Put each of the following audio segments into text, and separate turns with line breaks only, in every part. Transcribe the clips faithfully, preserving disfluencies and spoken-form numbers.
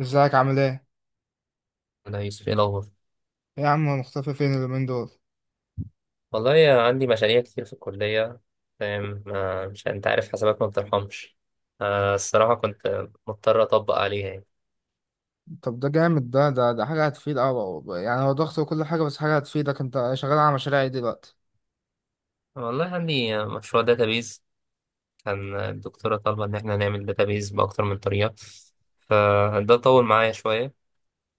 ازيك عامل ايه؟
انا يوسف، ايه الاخبار؟
ايه يا عم مختفي فين اليومين دول؟
والله يا عندي مشاريع كتير في الكليه. فاهم؟ ما- مش انت عارف حسابات ما بترحمش. آه، الصراحه كنت مضطر اطبق عليها يعني.
طب ده جامد، ده ده ده حاجة هتفيد أوي، يعني هو ضغط وكل حاجة، بس حاجة هتفيدك. انت شغال على مشاريع ايه دلوقتي؟
والله عندي مشروع داتابيز. كان الدكتوره طالبه ان احنا نعمل داتابيز باكتر من طريقه. فده طول معايا شويه،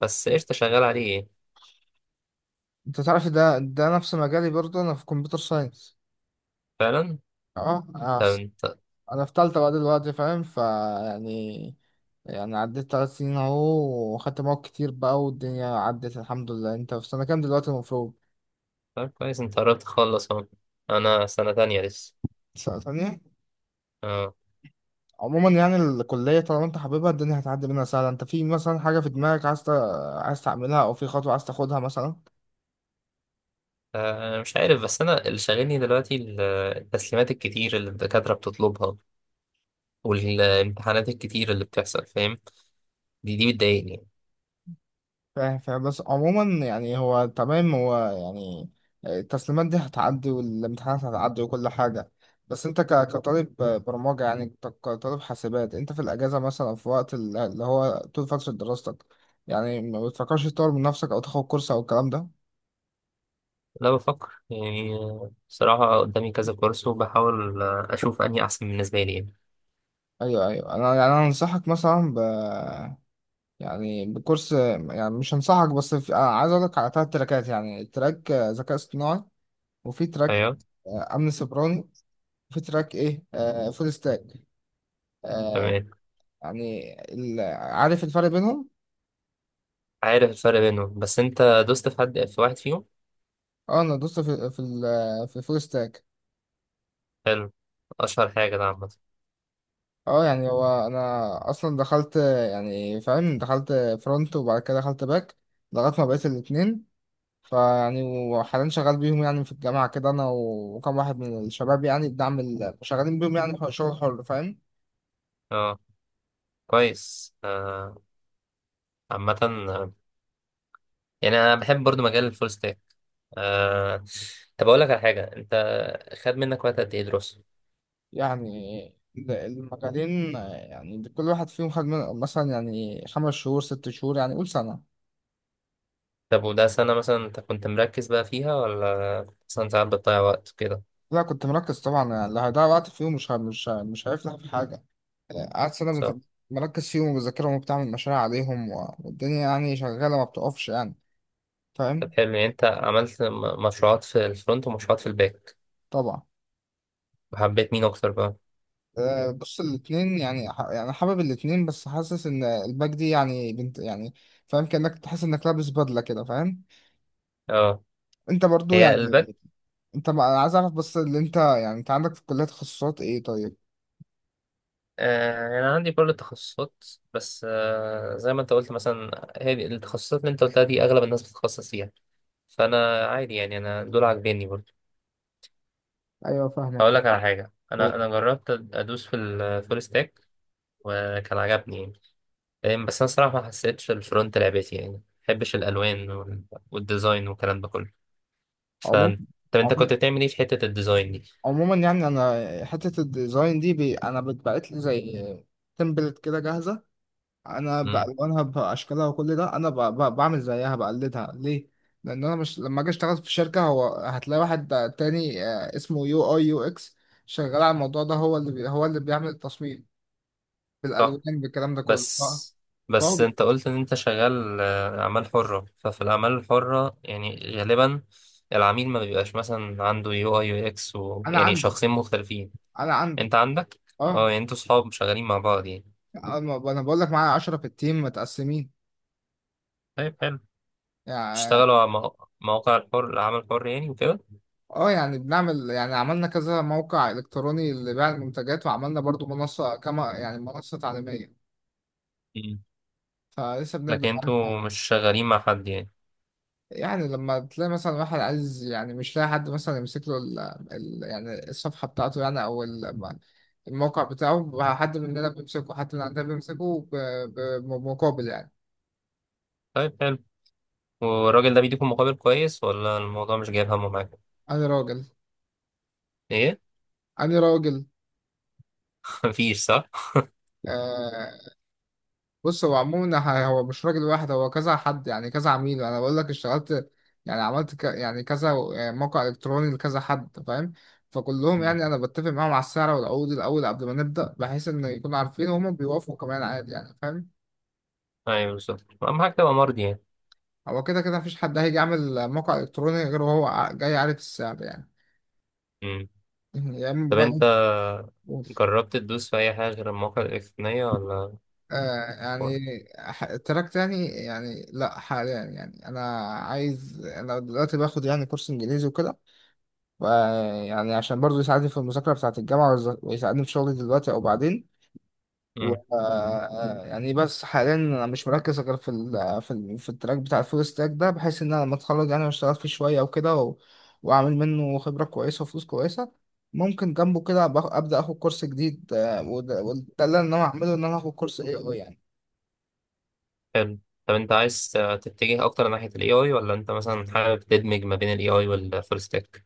بس قشطه شغال عليه يعني.
انت تعرف، ده ده نفس مجالي برضه، انا في كمبيوتر ساينس.
فعلا.
اه، آه.
طب انت.
انا في تالتة بقى دلوقتي، فاهم؟ فا يعني، يعني عديت تلات سنين اهو، وخدت مواد كتير بقى، والدنيا عدت الحمد لله. انت في سنة كام دلوقتي المفروض؟
طب كويس، انت قربت تخلص اهو. انا سنه تانية لسه.
سنة تانية؟
اه.
عموما يعني الكلية طالما انت حاببها، الدنيا هتعدي منها سهلة. انت في مثلا حاجة في دماغك عايز ت- عايز تعملها، او في خطوة عايز تاخدها مثلا؟
آه، مش عارف، بس انا اللي شاغلني دلوقتي ال- التسليمات الكتير اللي الدكاتره بتطلبها والامتحانات الكتير اللي بتحصل. فاهم؟ دي دي بتضايقني يعني.
فاهم فاهم، بس عموما، يعني هو تمام، هو يعني التسليمات دي هتعدي، والامتحانات هتعدي، وكل حاجة. بس انت ك- كطالب برمجة، يعني ك- كطالب حاسبات، انت في الاجازة مثلا أو في وقت ال- اللي هو طول فترة دراستك، يعني ما بتفكرش تطور من نفسك او تاخد كورس او الكلام ده؟
لا بفكر يعني. آه، بصراحة قدامي كذا كورس، وبحاول آه، أشوف أنهي أحسن بالنسبة لي يعني.
ايوه، ايوه، انا يعني انا انصحك مثلا، يعني بكورس، يعني مش هنصحك، بس في آه، عايز اقول لك على ثلاث تراكات، يعني تراك آه، ذكاء اصطناعي، وفي تراك
أيوه.
آه، امن سيبراني، وفي تراك ايه آه، فول ستاك. آه،
تمام.
يعني ال... عارف الفرق بينهم؟
عارف الفرق بينهم، بس أنت دوست في حد، في واحد فيهم؟
اه، انا دوست في في ال... في فول ستاك.
حلو. أشهر حاجة ده عامة.
اه، يعني هو انا اصلا دخلت، آه، يعني فاهم، دخلت فرونت، وبعد كده دخلت باك، لغايه ما بقيت الاثنين. فيعني، وحاليا شغال بيهم يعني في الجامعة كده، أنا وكم واحد من الشباب، يعني بنعمل شغالين بيهم، يعني حر- شغل حر، فاهم؟
أه. كويس آه، عامة آه، يعني أنا بحب برضو مجال الفول ستاك. آه، طب أقول لك على حاجة. أنت خد منك وقت قد إيه دراسة؟
يعني ال- المجالين، آه، يعني كل واحد فيهم خد من- مثلا، يعني خمس شهور ست شهور، يعني قول سنة.
طب وده سنة مثلا أنت كنت مركز بقى فيها، ولا مثلا ساعات بتضيع وقت كده؟
لا، كنت مركز طبعا، يعني اللي هيضيع وقت فيهم مش ه- مش ه- مش هيفلح في حاجة. آه، قعدت سنة بت-
صح.
مركز فيهم وبذاكرهم وبتعمل مشاريع عليهم، و- والدنيا يعني شغالة، ما بتقفش يعني.
طب
فاهم.
حلو، يعني انت عملت م- مشروعات في الفرونت ومشروعات في الباك،
طبعا.
وحبيت مين اكتر بقى؟
آه، بص، الاثنين، يعني ح- يعني حابب الاثنين، بس حاسس ان الباك دي يعني بنت، يعني فاهم، كأنك تحس انك لابس بدلة كده، فاهم.
اه.
انت برضو
هي الباك.
يعني، انت ما- انا عايز اعرف بس، اللي انت يعني، انت عندك في الكلية تخصصات ايه طيب؟
آه انا عندي برضه تخصصات، بس آه زي ما انت قلت مثلا هي دي- التخصصات اللي انت قلتها دي اغلب الناس بتتخصص فيها، فانا عادي يعني انا دول عاجبيني برضه.
ايوه، فاهمك
هقول
فاهم.
لك على حاجه، انا
أوه.
انا جربت ادوس في الفول ستاك وكان عجبني يعني. فاهم؟ بس انا صراحه ما حسيتش الفرونت لعبتي يعني، ما بحبش الالوان وال- والديزاين والكلام ده كله.
عموما
فانت. طب انت
عموما
كنت بتعمل ايه في حته الديزاين دي؟
عموما يعني انا حتة الديزاين دي، بي انا بتبعت لي زي تمبلت كده جاهزة، انا
مم.
بالوانها باشكالها وكل ده، انا ب... ب... بعمل زيها، بقلدها ليه؟ لان انا مش لما اجي اشتغل في الشركه، هو هتلاقي واحد تاني آه، اسمه يو اي يو اكس شغال على الموضوع ده، هو اللي بي... هو اللي بيعمل التصميم
صح.
بالالوان بالكلام ده كله،
بس
اه. فهو
بس
بي-
انت قلت ان انت شغال آه، اعمال حرة، ففي الاعمال الحرة يعني غالبا العميل ما بيبقاش مثلا عنده يو اي يو اكس و...
انا
يعني
عندي.
شخصين مختلفين.
انا عندي.
انت عندك. اه
اه،
يعني انتوا صحاب شغالين مع بعض يعني.
انا ب- أنا بقول لك، معايا عشرة في التيم متقسمين،
طيب حلو.
يعني.
بتشتغلوا على مو- مواقع الحر، العمل الحر يعني وكده.
اه، يعني بنعمل يعني عملنا كذا موقع الكتروني لبيع المنتجات، وعملنا برضو منصه، كما يعني منصه تعليميه.
مم.
فلسه بنبدا.
لكن انتوا مش شغالين مع حد يعني.
يعني لما تلاقي مثلا واحد عايز، يعني مش لاقي حد مثلا يمسك له ال ال يعني الصفحة بتاعته، يعني أو ال- الموقع بتاعه، حد مننا بيمسكه، حد من عندنا بيمسكه ب- ب- بمقابل، يعني.
طيب حلو. والراجل ده بيديكم مقابل كويس، ولا الموضوع مش جايب همه معاكم؟
أنا راجل.
ايه؟
أنا راجل.
مفيش صح.
آه. بص، هو عموما ه- هو مش راجل واحد، هو كذا حد، يعني كذا عميل، أنا بقول لك اشتغلت، يعني عملت ك يعني كذا موقع إلكتروني لكذا حد، فاهم؟ فكلهم
مم.
يعني أنا بتفق معاهم على السعر والعقود الأول قبل ما نبدأ، بحيث إن يكونوا عارفين، وهم بيوافقوا كمان عادي، يعني فاهم.
ايوه بالظبط، اهم حاجة تبقى مرضي
هو كده كده مفيش حد هيجي يعمل موقع إلكتروني غير وهو ع- جاي عارف السعر، يعني.
يعني.
يعني
طب انت
بلاش فلوس.
جربت تدوس في اي حاجه غير المواقع الالكترونيه ولا؟
آه، يعني ح- تراك تاني، يعني لا، حاليا يعني، أنا عايز أنا دلوقتي باخد يعني كورس إنجليزي وكده، ف- يعني عشان برضه يساعدني في المذاكرة بتاعة الجامعة، ويز- ويساعدني في شغلي دلوقتي أو بعدين. و
امم.
آه، يعني بس حاليا انا مش مركز غير في ال آه، في ال في التراك بتاع الفول ستاك ده، بحيث ان انا لما اتخرج يعني واشتغل فيه شويه وكده، و- واعمل منه خبره كويسه وفلوس كويسه، ممكن جنبه كده أبقى- ابدا اخد كورس جديد، آه، وده وده اللي انا هعمله، ان انا اخد كورس اي اي، يعني.
حلو. طب انت عايز تتجه اكتر ناحيه الاي اي، ولا انت مثلا حابب تدمج ما بين الاي اي والفول ستاك؟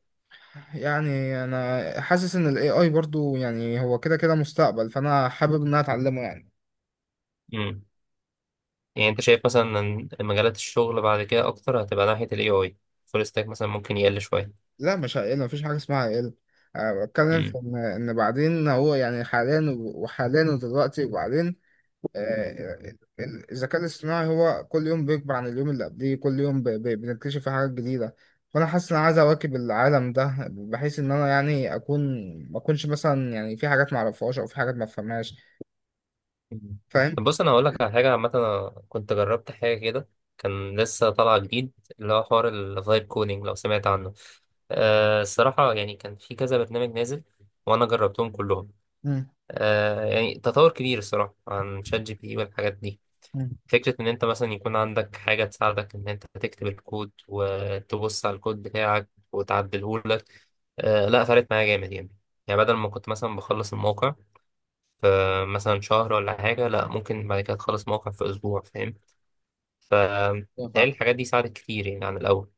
يعني انا حاسس ان الاي اي برضو يعني هو كده كده مستقبل، فانا حابب ان انا اتعلمه، يعني.
امم. يعني انت شايف مثلا ان مجالات الشغل بعد كده اكتر هتبقى ناحيه الاي اي، فول ستاك مثلا ممكن يقل شويه؟
لا، مش هقل، مفيش حاجه اسمها هقل. أه، بتكلم في
مم.
إن إن بعدين، هو يعني حاليا، و- وحاليا، ودلوقتي، وبعدين. آه، ال- الذكاء الاصطناعي هو كل يوم بيكبر عن اليوم اللي قبليه، كل يوم ب- ب- بنكتشف فيه حاجات جديدة. فأنا حاسس إن أنا عايز أواكب العالم ده، بحيث إن أنا يعني أكون، ما أكونش مثلا، يعني في حاجات ما أعرفهاش أو في حاجات ما أفهمهاش.
مم.
فاهم؟
طب بص، انا هقول لك على حاجه عامه انا كنت جربت حاجه كده، كان لسه طالع جديد، اللي هو حوار الفايب كودينج لو سمعت عنه. آه الصراحه يعني كان في كذا برنامج نازل، وانا جربتهم كلهم.
مم.
آه يعني تطور كبير الصراحه عن شات جي بي تي والحاجات دي. فكره ان انت مثلا يكون عندك حاجه تساعدك ان انت تكتب الكود وتبص على الكود بتاعك وتعدله لك. آه لا فرقت معايا جامد يعني. يعني بدل ما كنت مثلا بخلص الموقع فمثلا شهر ولا حاجة، لا ممكن بعد كده تخلص موقع في أسبوع. فاهم؟
مم.
فبتهيألي الحاجات دي ساعدت كتير يعني عن الأول.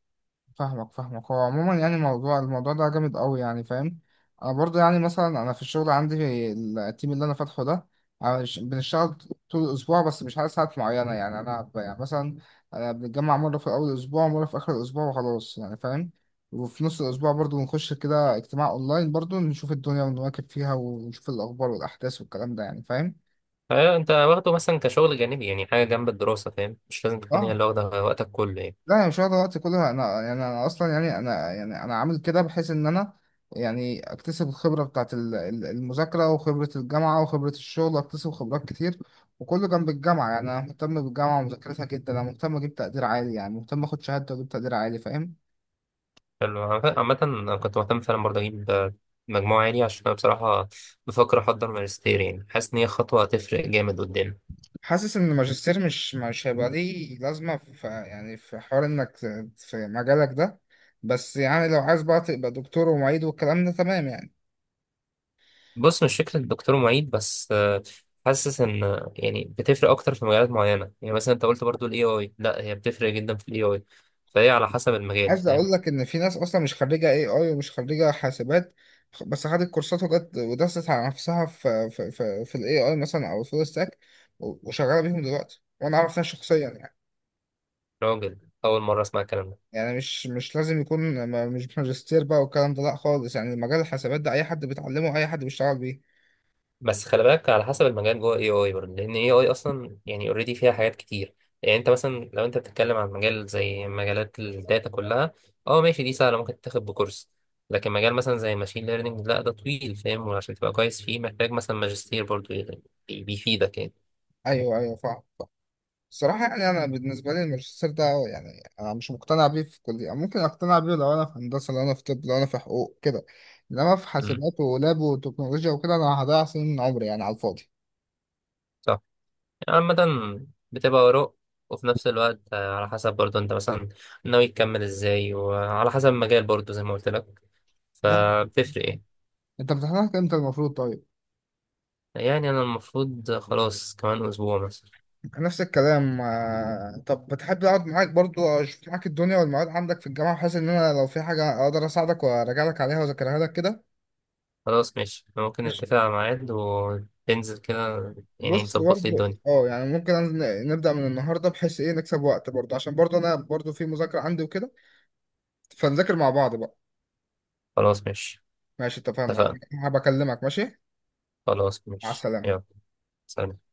فاهمك فاهمك، هو عموما يعني الموضوع الموضوع ده جامد قوي، يعني فاهم. انا برضو يعني، مثلا انا في الشغل عندي في التيم اللي انا فاتحه ده، عش- بنشتغل طول الاسبوع، بس مش على ساعات معينه، يعني انا ب- يعني مثلا أنا بنتجمع مره في اول الاسبوع، ومره في اخر الاسبوع، وخلاص يعني فاهم. وفي نص الاسبوع برضو بنخش كده اجتماع اونلاين، برضو نشوف الدنيا ونواكب فيها، ونشوف الاخبار والاحداث والكلام ده، يعني فاهم.
فأنت واخده مثلا كشغل جانبي يعني، حاجة جنب الدراسة. فاهم؟ مش لازم تكون هي
اه.
اللي واخدة وقتك كله يعني.
لا، يعني مش واخد الوقت كله، انا يعني انا اصلا، يعني انا، يعني انا عامل كده، بحيث ان انا يعني اكتسب الخبره بتاعت ال- ال- المذاكره، وخبره الجامعه وخبره الشغل، اكتسب خبرات كتير، وكله جنب الجامعه. يعني انا مهتم بالجامعه ومذاكرتها جدا، انا مهتم اجيب تقدير عالي، يعني مهتم اخد شهاده واجيب تقدير عالي، فاهم.
حلو. عامة عامة أنا كنت مهتم فعلا برضه أجيب مجموعة عالية، عشان أنا بصراحة بفكر أحضر ماجستير، يعني حاسس إن هي خطوة هتفرق جامد قدام.
حاسس ان الماجستير مش مش هيبقى ليه لازمه في، يعني في حوار انك في مجالك ده، بس يعني لو عايز بقى تبقى دكتور ومعيد والكلام ده، تمام يعني.
بص، مش فكرة دكتور معيد بس. آه، حاسس ان آه، يعني بتفرق اكتر في مجالات معينة. يعني مثلا انت قلت برضو الاي اي، لا هي بتفرق جدا في الاي اي، فهي على حسب المجال.
عايز
فاهم؟
اقول لك ان في ناس اصلا مش خريجه اي اي ومش خريجه حاسبات، خ- بس خدت كورسات، وجت ودست على نفسها في في في, في الاي اي مثلا او الفول ستاك، و- وشغاله بيهم دلوقتي، وانا اعرف ناس شخصيا، يعني.
راجل، اول مرة اسمع الكلام ده.
يعني مش مش لازم يكون ما- مش ماجستير بقى والكلام ده، لا خالص، يعني مجال الحاسبات ده اي حد بيتعلمه، اي حد بيشتغل بيه.
بس خلي بالك على حسب المجال جوه اي اي برضه، لان اي اي اصلا يعني اوريدي فيها حاجات كتير. يعني انت مثلا لو انت بتتكلم عن مجال زي مجالات الداتا كلها، اه ماشي، دي سهلة ممكن تاخد بكورس. لكن مجال مثلا زي ماشين ليرنينج، لا ده طويل. فاهم؟ وعشان تبقى كويس فيه محتاج مثلا ماجستير برضه يعني، بي- بيفيدك
ايوه، ايوه، فاهم. الصراحة يعني أنا بالنسبة لي الماجستير ده، يعني أنا مش مقتنع بيه في كلية. ممكن أقتنع بيه لو أنا في هندسة، لو أنا في طب، لو أنا في حقوق كده، إنما في
يعني.
حاسبات ولاب وتكنولوجيا وكده، أنا هضيع سنين من عمري يعني على الفاضي.
صح. يعني عامة بتبقى آراء، وفي نفس الوقت آه، على حسب برضو انت مثلا ناوي تكمل ازاي، وعلى حسب المجال برضو زي ما قلت لك،
ده
فبتفرق. ايه
أنت بتحضرك إمتى المفروض طيب؟
يعني؟ انا المفروض خلاص كمان اسبوع مثلا.
نفس الكلام. آه، طب بتحب أقعد معاك برضو، أشوف معاك الدنيا والمواد عندك في الجامعة، بحيث إن أنا لو في حاجة أقدر أساعدك وأراجع لك عليها وأذاكرها لك كده؟
خلاص ماشي، إحنا ممكن
ماشي.
نتفق على ميعاد وتنزل كده يعني
بص
تظبط لي
برضه،
الدنيا.
اه، يعني ممكن أن- نبدأ من النهارده، بحيث ايه نكسب وقت، برضه عشان برضه انا برضه في مذاكرة عندي وكده، فنذاكر مع بعض بقى.
خلاص ماشي
ماشي، اتفقنا.
اتفقنا.
هبكلمك. ماشي.
خلاص
مع
ماشي
السلامة.
يلا. سلام.